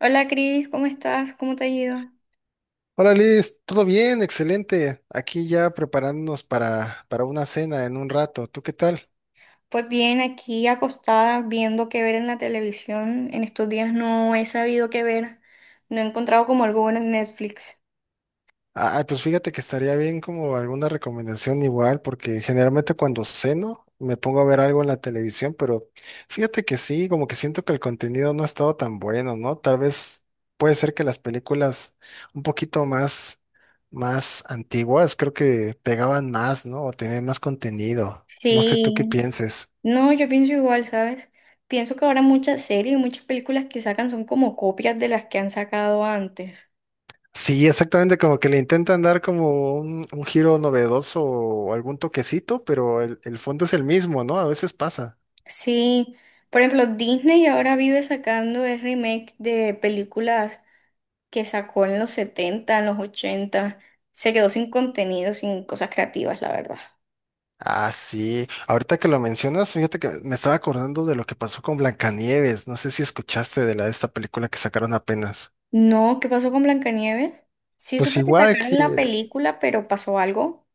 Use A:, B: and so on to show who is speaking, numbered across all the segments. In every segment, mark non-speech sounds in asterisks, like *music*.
A: Hola Cris, ¿cómo estás? ¿Cómo te ha ido?
B: Hola Liz, todo bien, excelente. Aquí ya preparándonos para una cena en un rato. ¿Tú qué tal?
A: Pues bien, aquí acostada viendo qué ver en la televisión. En estos días no he sabido qué ver. No he encontrado como algo bueno en Netflix.
B: Ah, pues fíjate que estaría bien como alguna recomendación igual, porque generalmente cuando ceno me pongo a ver algo en la televisión, pero fíjate que sí, como que siento que el contenido no ha estado tan bueno, ¿no? Tal vez puede ser que las películas un poquito más, más antiguas, creo que pegaban más, ¿no? O tenían más contenido. No sé tú qué
A: Sí,
B: pienses.
A: no, yo pienso igual, ¿sabes? Pienso que ahora muchas series y muchas películas que sacan son como copias de las que han sacado antes.
B: Sí, exactamente, como que le intentan dar como un giro novedoso o algún toquecito, pero el fondo es el mismo, ¿no? A veces pasa.
A: Sí, por ejemplo, Disney ahora vive sacando el remake de películas que sacó en los 70, en los 80. Se quedó sin contenido, sin cosas creativas, la verdad.
B: Ah, sí. Ahorita que lo mencionas, fíjate que me estaba acordando de lo que pasó con Blancanieves. No sé si escuchaste de la de esta película que sacaron apenas.
A: No, ¿qué pasó con Blancanieves? Sí
B: Pues
A: supe que
B: igual que
A: sacaron la película, pero pasó algo.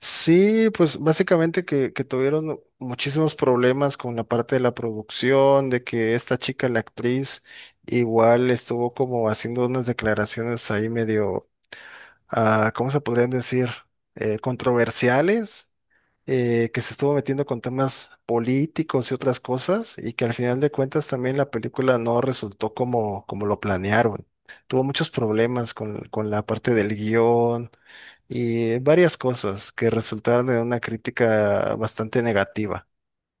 B: sí, pues básicamente que tuvieron muchísimos problemas con la parte de la producción, de que esta chica, la actriz, igual estuvo como haciendo unas declaraciones ahí medio ¿cómo se podrían decir? Controversiales, que se estuvo metiendo con temas políticos y otras cosas, y que al final de cuentas también la película no resultó como, como lo planearon. Tuvo muchos problemas con la parte del guión y varias cosas que resultaron en una crítica bastante negativa.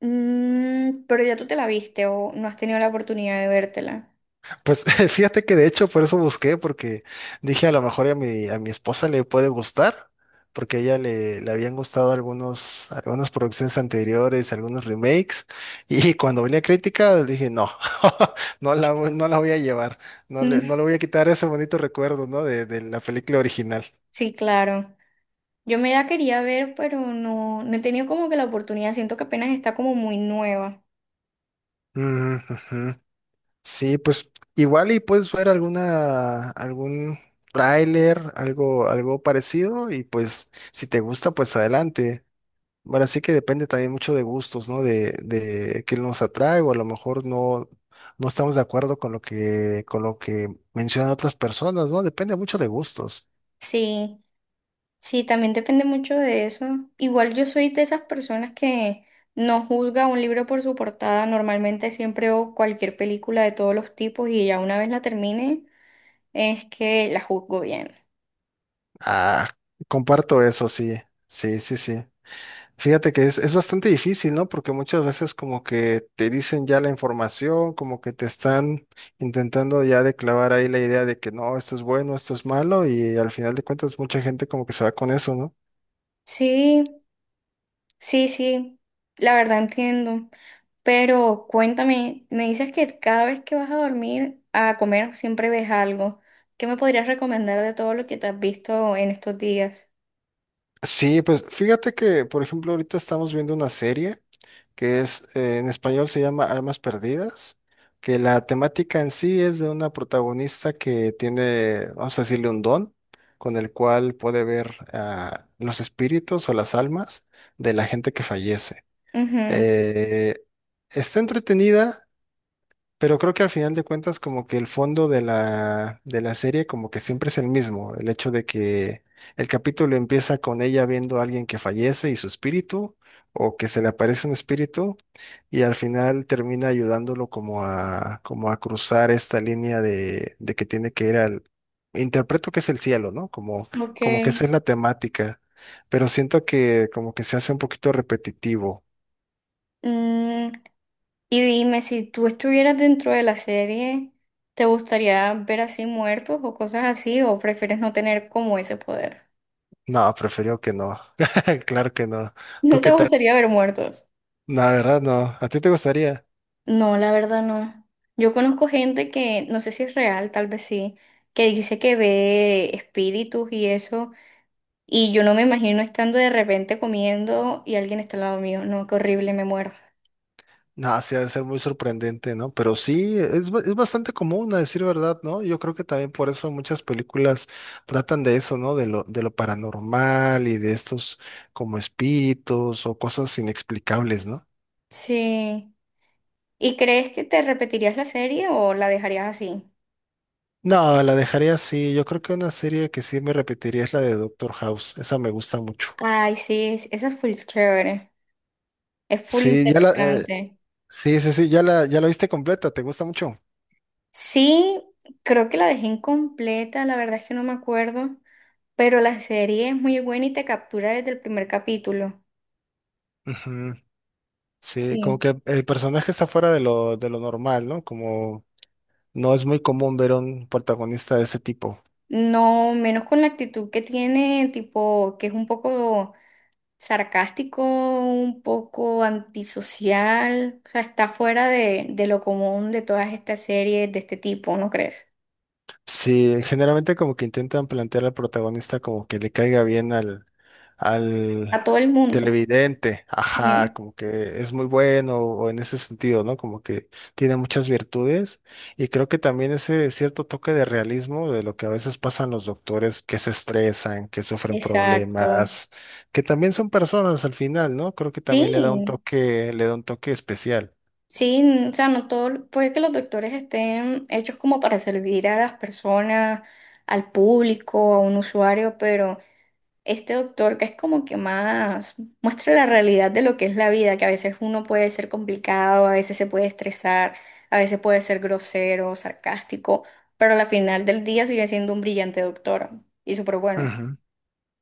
A: Pero ya tú te la viste o no has tenido la oportunidad de vértela. *laughs*
B: Pues *laughs* fíjate que de hecho por eso busqué, porque dije a lo mejor a mi esposa le puede gustar, porque a ella le habían gustado algunas producciones anteriores, algunos remakes, y *laughs* cuando venía crítica dije, no, *laughs* no la voy a llevar,
A: Mm.
B: no le voy a quitar ese bonito recuerdo, ¿no? De la película original.
A: Sí, claro. Yo me la quería ver, pero no, no he tenido como que la oportunidad. Siento que apenas está como muy nueva.
B: Ujú, ujú. Sí, pues igual y puedes ver algún tráiler, algo parecido, y pues si te gusta, pues adelante. Bueno, sí que depende también mucho de gustos, ¿no? De qué nos atrae o a lo mejor no, no estamos de acuerdo con lo que mencionan otras personas, ¿no? Depende mucho de gustos.
A: Sí, sí, también depende mucho de eso. Igual yo soy de esas personas que no juzga un libro por su portada. Normalmente siempre o cualquier película de todos los tipos y ya una vez la termine. Es que la juzgo bien.
B: Ah, comparto eso, sí, sí, sí, sí. Fíjate que es bastante difícil, ¿no? Porque muchas veces como que te dicen ya la información, como que te están intentando ya de clavar ahí la idea de que no, esto es bueno, esto es malo y al final de cuentas mucha gente como que se va con eso, ¿no?
A: Sí, sí, sí, la verdad entiendo. Pero cuéntame, me dices que cada vez que vas a dormir a comer siempre ves algo. ¿Qué me podrías recomendar de todo lo que te has visto en estos días?
B: Sí, pues fíjate que, por ejemplo, ahorita estamos viendo una serie que es, en español se llama Almas Perdidas, que la temática en sí es de una protagonista que tiene, vamos a decirle, un don con el cual puede ver los espíritus o las almas de la gente que fallece.
A: Ujú.
B: Eh, está entretenida, pero creo que al final de cuentas como que el fondo de la serie como que siempre es el mismo, el hecho de que el capítulo empieza con ella viendo a alguien que fallece y su espíritu, o que se le aparece un espíritu, y al final termina ayudándolo como a cruzar esta línea de que tiene que ir al, interpreto que es el cielo, ¿no? Como,
A: Ok.
B: como que esa es la temática, pero siento que como que se hace un poquito repetitivo.
A: Mm, y dime, si tú estuvieras dentro de la serie, ¿te gustaría ver así muertos o cosas así? ¿O prefieres no tener como ese poder?
B: No, prefiero que no. *laughs* Claro que no.
A: *laughs* ¿No
B: ¿Tú
A: te
B: qué tal?
A: gustaría ver muertos?
B: La verdad, no. ¿A ti te gustaría?
A: No, la verdad no. Yo conozco gente que, no sé si es real, tal vez sí, que dice que ve espíritus y eso, y yo no me imagino estando de repente comiendo y alguien está al lado mío. No, qué horrible, me muero.
B: No, sí, ha de ser muy sorprendente, ¿no? Pero sí, es, es bastante común, a decir verdad, ¿no? Yo creo que también por eso muchas películas tratan de eso, ¿no? De lo paranormal y de estos como espíritus o cosas inexplicables, ¿no?
A: Sí. ¿Y crees que te repetirías la serie o la dejarías así?
B: No, la dejaría así. Yo creo que una serie que sí me repetiría es la de Doctor House. Esa me gusta mucho.
A: Ay, sí, esa es full chévere, es full
B: Sí,
A: interesante.
B: sí, sí, sí, ya la viste completa. ¿Te gusta mucho?
A: Sí, creo que la dejé incompleta, la verdad es que no me acuerdo, pero la serie es muy buena y te captura desde el primer capítulo.
B: Ujú. Sí, como
A: Sí,
B: que el personaje está fuera de lo normal, ¿no? Como no es muy común ver un protagonista de ese tipo.
A: no, menos con la actitud que tiene, tipo, que es un poco sarcástico, un poco antisocial, o sea, está fuera de lo común de todas estas series de este tipo, ¿no crees?
B: Sí, generalmente como que intentan plantear al protagonista como que le caiga bien al
A: A todo el mundo.
B: televidente, ajá,
A: Sí,
B: como que es muy bueno o en ese sentido, ¿no? Como que tiene muchas virtudes y creo que también ese cierto toque de realismo de lo que a veces pasan los doctores que se estresan, que sufren
A: exacto.
B: problemas, que también son personas al final, ¿no? Creo que también le da un
A: Sí,
B: toque, le da un toque especial.
A: sí, o sea, no todo, puede que los doctores estén hechos como para servir a las personas, al público, a un usuario, pero… este doctor que es como que más muestra la realidad de lo que es la vida, que a veces uno puede ser complicado, a veces se puede estresar, a veces puede ser grosero, sarcástico, pero al final del día sigue siendo un brillante doctor y súper bueno.
B: Ujú.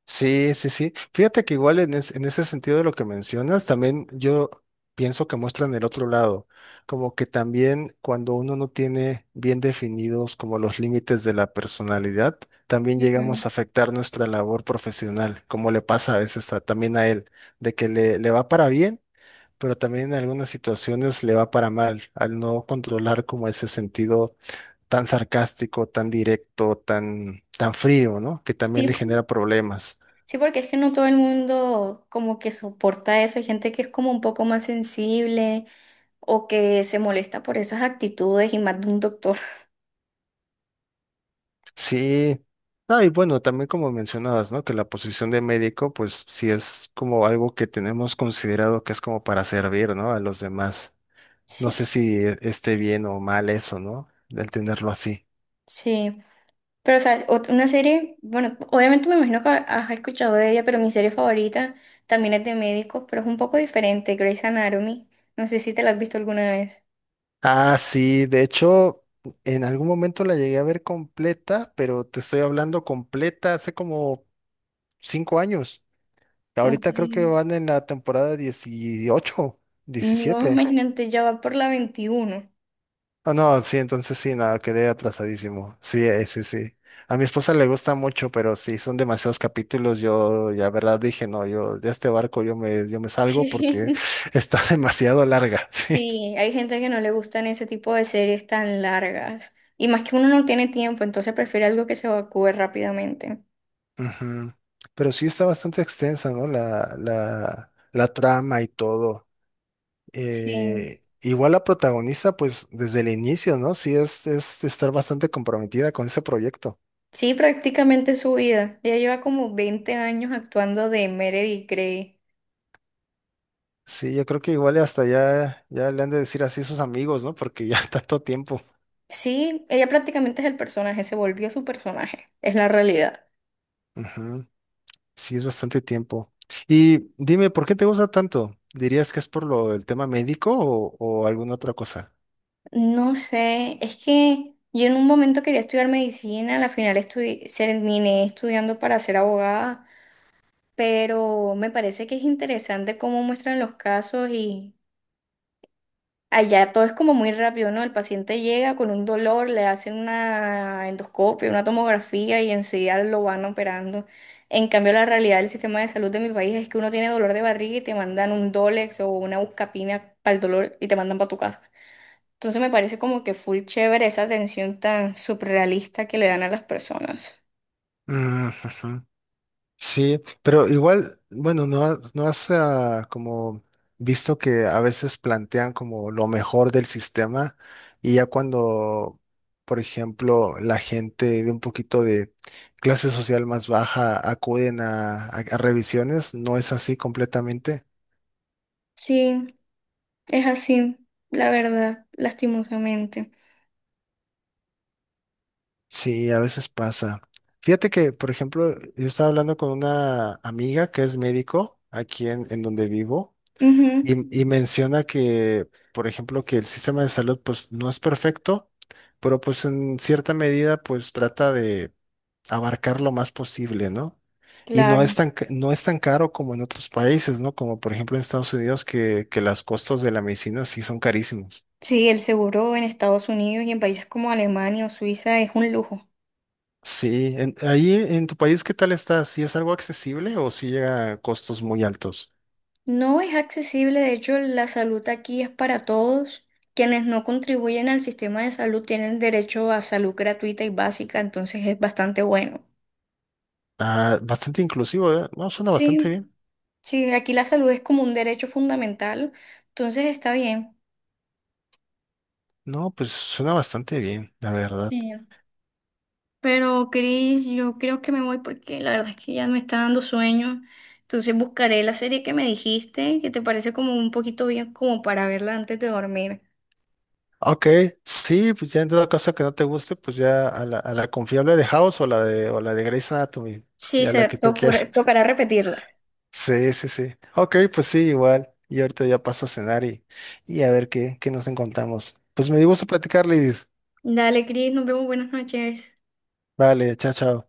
B: Sí, sí, sí. Fíjate que igual en, en ese sentido de lo que mencionas, también yo pienso que muestran el otro lado, como que también cuando uno no tiene bien definidos como los límites de la personalidad, también
A: Ujú.
B: llegamos a afectar nuestra labor profesional, como le pasa a veces también a él, de que le va para bien, pero también en algunas situaciones le va para mal, al no controlar como ese sentido tan sarcástico, tan directo, tan frío, ¿no? Que
A: Sí,
B: también le genera problemas.
A: sí, porque es que no todo el mundo como que soporta eso. Hay gente que es como un poco más sensible o que se molesta por esas actitudes y más de un doctor. *laughs*
B: Sí. Ah, y bueno, también como mencionabas, ¿no? Que la posición de médico, pues sí es como algo que tenemos considerado que es como para servir, ¿no? A los demás. No
A: Sí,
B: sé si esté bien o mal eso, ¿no? Del tenerlo así.
A: sí. Pero, o sea, una serie, bueno, obviamente me imagino que has escuchado de ella, pero mi serie favorita también es de médicos, pero es un poco diferente, Grey's Anatomy. No sé si te la has visto alguna vez.
B: Ah, sí, de hecho, en algún momento la llegué a ver completa, pero te estoy hablando completa hace como 5 años. Ahorita creo que
A: Ok.
B: van en la temporada 18,
A: No,
B: 17.
A: imagínate, ya va por la 21.
B: Ah, no, sí, entonces sí, nada, quedé atrasadísimo. Sí, sí, sí. A mi esposa le gusta mucho, pero sí, son demasiados capítulos. Yo, ya verdad, dije, no, yo de este barco yo me salgo porque
A: *laughs*
B: *laughs* está demasiado larga, *laughs* sí.
A: Sí, hay gente que no le gustan ese tipo de series tan largas. Y más que uno no tiene tiempo, entonces prefiere algo que se evacúe rápidamente.
B: Ujú. Pero sí está bastante extensa, ¿no? La trama y todo.
A: Sí.
B: Igual la protagonista, pues desde el inicio, ¿no? Sí, es estar bastante comprometida con ese proyecto.
A: Sí, prácticamente su vida. Ella lleva como 20 años actuando de Meredith Grey.
B: Sí, yo creo que igual y hasta ya le han de decir así a sus amigos, ¿no? Porque ya *laughs* tanto tiempo.
A: Sí, ella prácticamente es el personaje, se volvió su personaje, es la realidad.
B: Ujú, sí, es bastante tiempo. Y dime, ¿por qué te gusta tanto? ¿Dirías que es por lo, del tema médico o alguna otra cosa?
A: No sé, es que yo en un momento quería estudiar medicina, al final terminé estudiando para ser abogada, pero me parece que es interesante cómo muestran los casos y allá todo es como muy rápido, ¿no? El paciente llega con un dolor, le hacen una endoscopia, una tomografía y enseguida lo van operando. En cambio, la realidad del sistema de salud de mi país es que uno tiene dolor de barriga y te mandan un Dolex o una buscapina para el dolor y te mandan para tu casa. Entonces me parece como que full chévere esa atención tan surrealista que le dan a las personas.
B: Mm, ujú. Sí, pero igual, bueno, no, no has como visto que a veces plantean como lo mejor del sistema y ya cuando, por ejemplo, la gente de un poquito de clase social más baja acuden a, a revisiones, no es así completamente.
A: Sí, es así, la verdad, lastimosamente.
B: Sí, a veces pasa. Fíjate que, por ejemplo, yo estaba hablando con una amiga que es médico aquí en donde vivo.
A: Ujú,
B: Y menciona que, por ejemplo, que el sistema de salud pues no es perfecto, pero pues en cierta medida pues trata de abarcar lo más posible, ¿no? Y no es
A: claro.
B: tan, no es tan caro como en otros países, ¿no? Como por ejemplo en Estados Unidos que los costos de la medicina sí son carísimos.
A: Sí, el seguro en Estados Unidos y en países como Alemania o Suiza es un lujo.
B: Sí, ahí en tu país, ¿qué tal está? ¿Sí es algo accesible o sí llega a costos muy altos?
A: No es accesible, de hecho, la salud aquí es para todos. Quienes no contribuyen al sistema de salud tienen derecho a salud gratuita y básica, entonces es bastante bueno.
B: Ah, bastante inclusivo, ¿eh? No, suena bastante
A: Sí,
B: bien.
A: sí, aquí la salud es como un derecho fundamental, entonces está bien.
B: No, pues suena bastante bien, la verdad.
A: Sí. Pero Cris, yo creo que me voy porque la verdad es que ya me está dando sueño. Entonces buscaré la serie que me dijiste, que te parece como un poquito bien como para verla antes de dormir.
B: Ok, sí, pues ya en dado caso que no te guste, pues ya a la confiable de House o o la de Grey's Anatomy,
A: Sí,
B: ya la
A: se
B: que tú
A: te
B: quieras. *laughs*
A: tocará repetirla.
B: Sí, sí, sí. Ok, pues sí, igual. Y ahorita ya paso a cenar y a ver qué nos encontramos. Pues me dio gusto platicar, Lidis.
A: Dale, Cris, nos vemos, buenas noches.
B: Vale, chao, chao.